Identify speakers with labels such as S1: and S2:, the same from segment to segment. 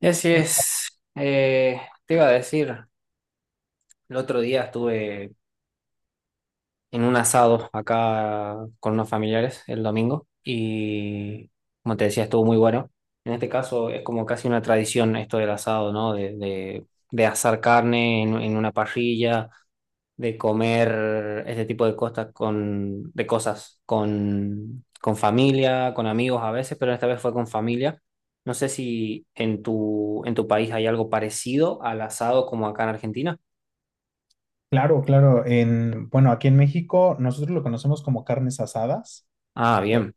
S1: Y así es. Te iba a decir, el otro día estuve en un asado acá con unos familiares el domingo y, como te decía, estuvo muy bueno. En este caso es como casi una tradición esto del asado, ¿no? De asar carne en una parrilla de comer este tipo de cosas con, de cosas con familia, con amigos a veces, pero esta vez fue con familia. No sé si en en tu país hay algo parecido al asado como acá en Argentina.
S2: Claro, claro. Aquí en México nosotros lo conocemos como carnes asadas.
S1: Ah,
S2: eh,
S1: bien,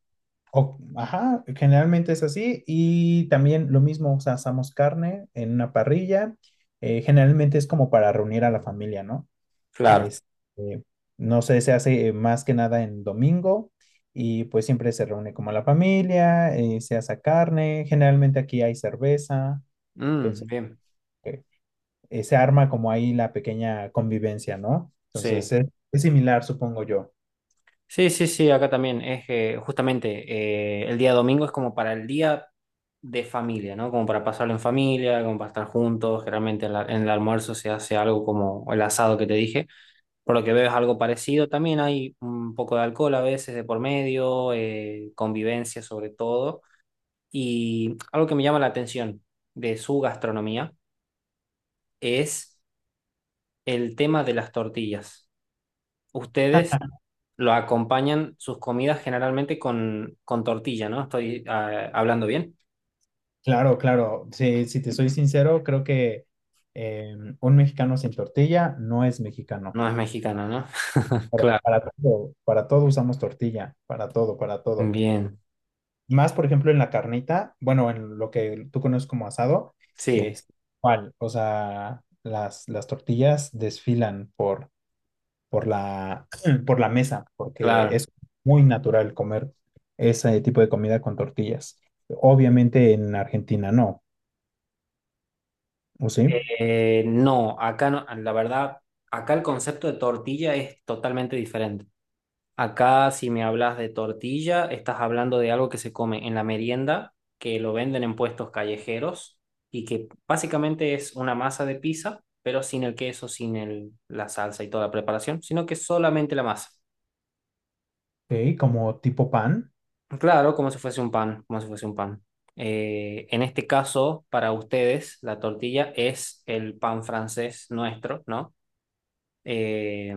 S2: ajá, generalmente es así. Y también lo mismo, o sea, asamos carne en una parrilla. Generalmente es como para reunir a la familia, ¿no?
S1: claro.
S2: Es, eh, no sé, se hace más que nada en domingo y pues siempre se reúne como la familia, se hace carne. Generalmente aquí hay cerveza.
S1: Mm,
S2: Entonces
S1: bien,
S2: se arma como ahí la pequeña convivencia, ¿no?
S1: sí.
S2: Es similar, supongo yo.
S1: Sí, sí, sí, acá también es justamente el día domingo es como para el día de familia, ¿no? Como para pasarlo en familia, como para estar juntos. Generalmente en en el almuerzo se hace algo como el asado que te dije. Por lo que veo es algo parecido. También hay un poco de alcohol a veces de por medio, convivencia sobre todo. Y algo que me llama la atención de su gastronomía es el tema de las tortillas. Ustedes lo acompañan sus comidas generalmente con tortilla, ¿no? Estoy ah, hablando bien.
S2: Claro, claro, sí, si te soy sincero, creo que un mexicano sin tortilla no es mexicano.
S1: No es mexicana, ¿no? Claro.
S2: Para todo usamos tortilla, para todo, para todo.
S1: Bien.
S2: Más, por ejemplo, en la carnita, bueno, en lo que tú conoces como asado,
S1: Sí,
S2: es igual, o sea, las tortillas desfilan por la, por la mesa, porque
S1: claro.
S2: es muy natural comer ese tipo de comida con tortillas. Obviamente en Argentina no, ¿o sí?
S1: No, acá no, la verdad, acá el concepto de tortilla es totalmente diferente. Acá, si me hablas de tortilla, estás hablando de algo que se come en la merienda, que lo venden en puestos callejeros y que básicamente es una masa de pizza, pero sin el queso, sin la salsa y toda la preparación, sino que solamente la masa.
S2: Sí, como tipo pan.
S1: Claro, como si fuese un pan, como si fuese un pan. En este caso, para ustedes, la tortilla es el pan francés nuestro, ¿no? eh,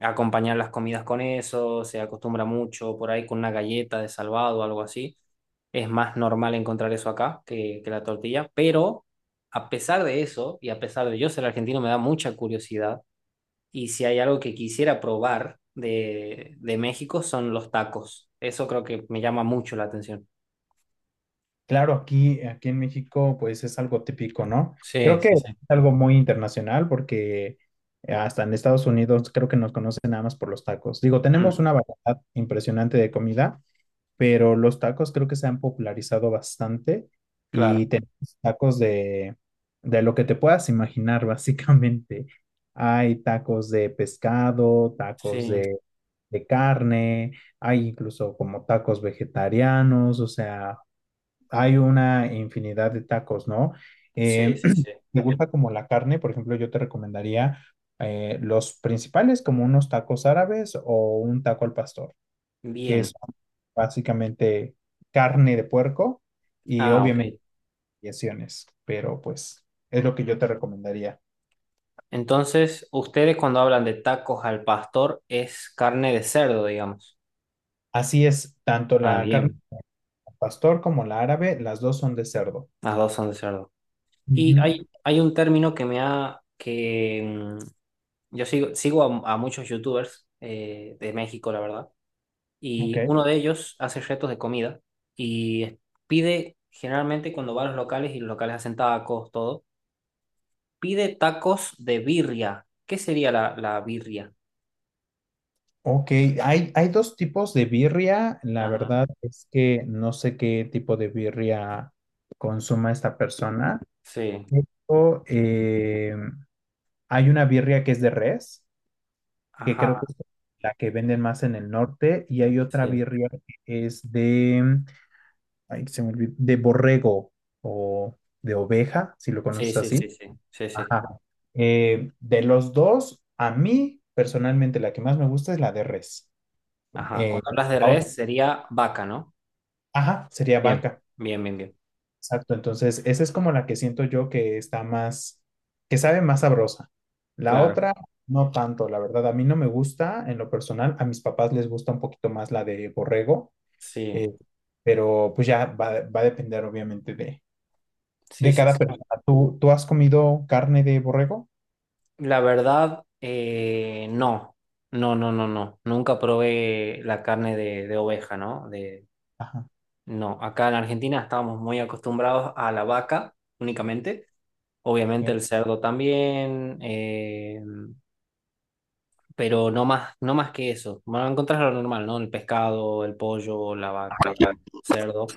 S1: Acompañar las comidas con eso, se acostumbra mucho por ahí con una galleta de salvado o algo así. Es más normal encontrar eso acá que la tortilla, pero a pesar de eso, y a pesar de yo ser argentino, me da mucha curiosidad. Y si hay algo que quisiera probar de México son los tacos. Eso creo que me llama mucho la atención.
S2: Claro, aquí, aquí en México pues es algo típico, ¿no? Creo
S1: Sí,
S2: que
S1: sí,
S2: es
S1: sí.
S2: algo muy internacional porque hasta en Estados Unidos creo que nos conocen nada más por los tacos. Digo, tenemos
S1: Mm,
S2: una variedad impresionante de comida, pero los tacos creo que se han popularizado bastante y
S1: claro,
S2: tenemos tacos de lo que te puedas imaginar, básicamente. Hay tacos de pescado, tacos
S1: sí,
S2: de carne, hay incluso como tacos vegetarianos, o sea, hay una infinidad de tacos, ¿no?
S1: sí,
S2: Eh,
S1: sí, sí.
S2: ¿Te gusta como la carne? Por ejemplo, yo te recomendaría los principales como unos tacos árabes o un taco al pastor que
S1: Bien.
S2: son básicamente carne de puerco y
S1: Ah,
S2: obviamente
S1: ok.
S2: variaciones, pero pues es lo que yo te recomendaría.
S1: Entonces, ustedes cuando hablan de tacos al pastor es carne de cerdo, digamos.
S2: Así es, tanto
S1: Ah,
S2: la carne
S1: bien,
S2: al pastor como la árabe, las dos son de cerdo.
S1: las dos son de cerdo. Y
S2: Ujú.
S1: hay, hay un término que me ha, que sigo a muchos youtubers de México, la verdad,
S2: Ok,
S1: y uno de ellos hace retos de comida y pide, generalmente cuando va a los locales y los locales hacen tacos, todo, pide tacos de birria. ¿Qué sería la birria?
S2: ok. Hay dos tipos de birria. La
S1: Ajá,
S2: verdad es que no sé qué tipo de birria consuma esta persona.
S1: sí,
S2: Pero, eh, Hay una birria que es de res que creo que
S1: ajá,
S2: es la que venden más en el norte, y hay otra
S1: sí.
S2: birria que es ay, se me olvidó, de borrego o de oveja, si lo
S1: Sí,
S2: conoces
S1: sí,
S2: así.
S1: sí, sí, sí, sí.
S2: Ajá. De los dos, a mí personalmente la que más me gusta es la de res.
S1: Ajá,
S2: Eh,
S1: cuando hablas de
S2: la otra-
S1: res sería vaca, ¿no?
S2: ajá, sería
S1: Bien,
S2: vaca.
S1: bien, bien, bien.
S2: Exacto, entonces esa es como la que siento yo que está más, que sabe más sabrosa. La
S1: Claro,
S2: otra, no tanto, la verdad, a mí no me gusta en lo personal, a mis papás les gusta un poquito más la de borrego.
S1: sí,
S2: Eh, pero pues ya va, va a depender obviamente
S1: sí,
S2: de
S1: sí,
S2: cada persona.
S1: sí.
S2: ¿Tú, tú has comido carne de borrego?
S1: La verdad, no, no, no, no, no. Nunca probé la carne de oveja, ¿no? De,
S2: Ajá.
S1: no, acá en Argentina estábamos muy acostumbrados a la vaca únicamente.
S2: Ok,
S1: Obviamente el cerdo también, pero no más, no más que eso. Van a encontrar lo normal, ¿no? El pescado, el pollo, la vaca, cerdo.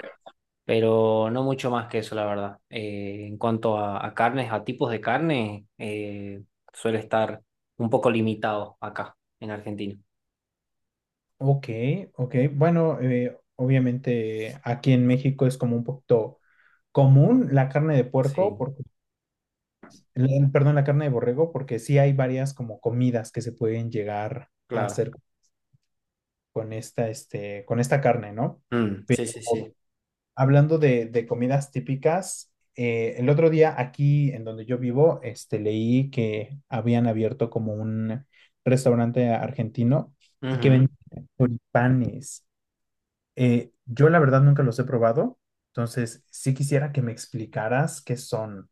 S1: Pero no mucho más que eso, la verdad. En cuanto a carnes, a tipos de carne, suele estar un poco limitado acá, en Argentina.
S2: ok. Ok. Bueno, obviamente aquí en México es como un poquito común la carne de puerco,
S1: Sí,
S2: porque, perdón, la carne de borrego, porque sí hay varias como comidas que se pueden llegar a
S1: claro.
S2: hacer con esta, este, con esta carne, ¿no?
S1: Mm,
S2: Pero
S1: sí, sí, sí.
S2: Hablando de comidas típicas, el otro día aquí en donde yo vivo, este, leí que habían abierto como un restaurante argentino y que
S1: Ujú.
S2: vendían choripanes. Yo la verdad nunca los he probado, entonces sí quisiera que me explicaras qué son.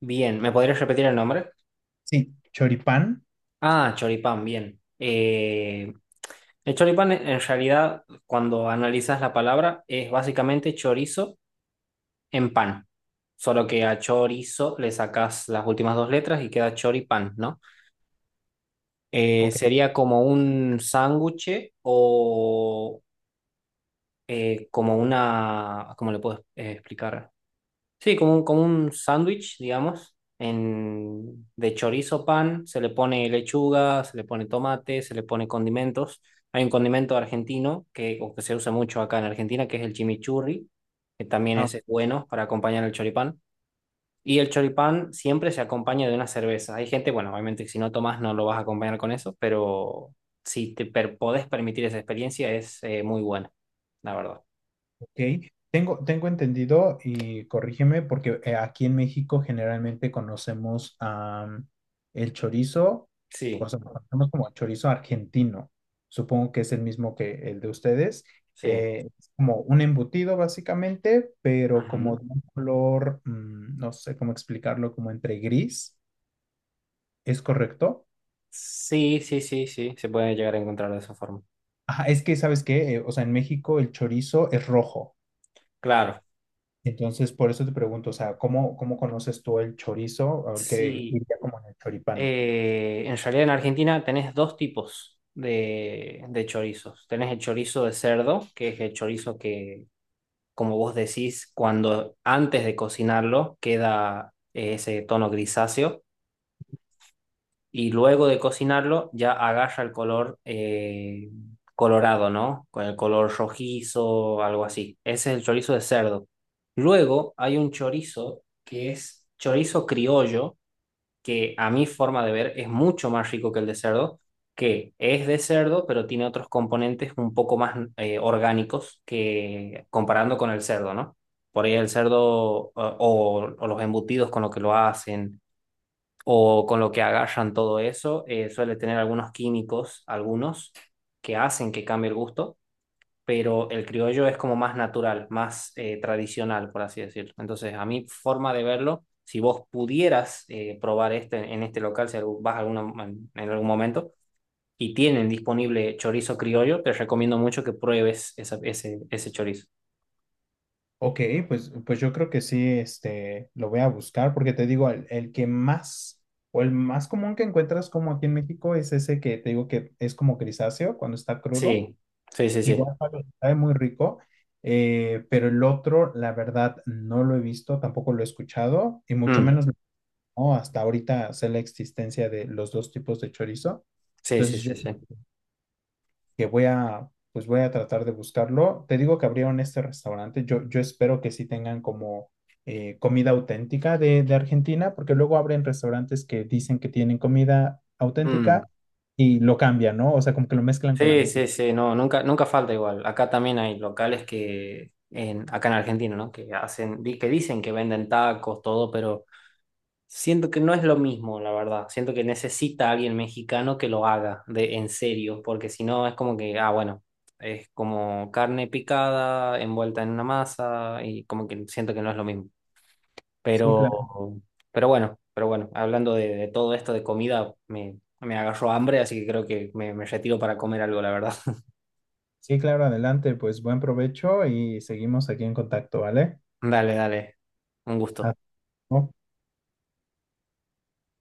S1: Bien, ¿me podrías repetir el nombre?
S2: Sí, choripán.
S1: Ah, choripán, bien. El choripán, en realidad, cuando analizas la palabra, es básicamente chorizo en pan. Solo que a chorizo le sacas las últimas dos letras y queda choripán, ¿no?
S2: Ok.
S1: Sería como un sándwich o como una, ¿cómo le puedo explicar? Sí, como un sándwich, digamos, en, de chorizo pan, se le pone lechuga, se le pone tomate, se le pone condimentos. Hay un condimento argentino que, o que se usa mucho acá en Argentina, que es el chimichurri, que también ese es bueno para acompañar el choripán. Y el choripán siempre se acompaña de una cerveza. Hay gente, bueno, obviamente que si no tomas no lo vas a acompañar con eso, pero si te podés permitir esa experiencia es muy buena, la verdad.
S2: Ok, tengo, tengo entendido y corrígeme porque aquí en México generalmente conocemos am, el chorizo, o
S1: Sí,
S2: sea, lo conocemos como chorizo argentino. Supongo que es el mismo que el de ustedes.
S1: sí.
S2: Es como un embutido básicamente, pero como
S1: Ujú.
S2: de un color, no sé cómo explicarlo, como entre gris, ¿es correcto?
S1: Sí, sí, sí, sí, se puede llegar a encontrar de esa forma.
S2: Ajá, es que, ¿sabes qué? O sea, en México el chorizo es rojo.
S1: Claro.
S2: Entonces, por eso te pregunto, o sea, ¿cómo, cómo conoces tú el chorizo o el que
S1: Sí.
S2: iría como en el choripán?
S1: En realidad en Argentina tenés dos tipos de chorizos. Tenés el chorizo de cerdo, que es el chorizo que como vos decís, cuando antes de cocinarlo queda ese tono grisáceo y luego de cocinarlo ya agarra el color colorado, ¿no? Con el color rojizo, algo así. Ese es el chorizo de cerdo. Luego hay un chorizo que es chorizo criollo que a mi forma de ver es mucho más rico que el de cerdo, que es de cerdo, pero tiene otros componentes un poco más orgánicos que comparando con el cerdo, ¿no? Por ahí el cerdo o los embutidos con lo que lo hacen o con lo que agarran todo eso, suele tener algunos químicos, algunos que hacen que cambie el gusto, pero el criollo es como más natural, más tradicional, por así decirlo. Entonces, a mi forma de verlo, si vos pudieras probar este en este local, si vas alguna, en algún momento y tienen disponible chorizo criollo, te recomiendo mucho que pruebes ese chorizo.
S2: Ok, pues, pues yo creo que sí, este, lo voy a buscar porque te digo, el que más o el más común que encuentras como aquí en México es ese que te digo que es como grisáceo cuando está crudo.
S1: Sí, sí, sí, sí.
S2: Igual sabe sabe muy rico, pero el otro, la verdad, no lo he visto, tampoco lo he escuchado y mucho
S1: Mm,
S2: menos no, hasta ahorita sé la existencia de los dos tipos de chorizo.
S1: sí,
S2: Entonces,
S1: sí,
S2: yo
S1: sí, sí.
S2: que voy a, pues voy a tratar de buscarlo. Te digo que abrieron este restaurante. Yo espero que sí tengan como comida auténtica de Argentina, porque luego abren restaurantes que dicen que tienen comida
S1: Mm.
S2: auténtica y lo cambian, ¿no? O sea, como que lo mezclan con la
S1: Sí,
S2: México.
S1: sí, sí, no, nunca, nunca falta igual. Acá también hay locales acá en Argentina, ¿no? Que hacen, que dicen que venden tacos, todo, pero siento que no es lo mismo, la verdad. Siento que necesita alguien mexicano que lo haga de en serio, porque si no es como que, ah, bueno, es como carne picada envuelta en una masa y como que siento que no es lo mismo.
S2: Sí,
S1: Pero,
S2: claro.
S1: pero bueno, hablando de todo esto de comida, me agarró hambre, así que creo que me retiro para comer algo, la verdad.
S2: Sí, claro, adelante. Pues buen provecho y seguimos aquí en contacto, ¿vale?
S1: Dale, dale. Un
S2: Hasta
S1: gusto.
S2: luego.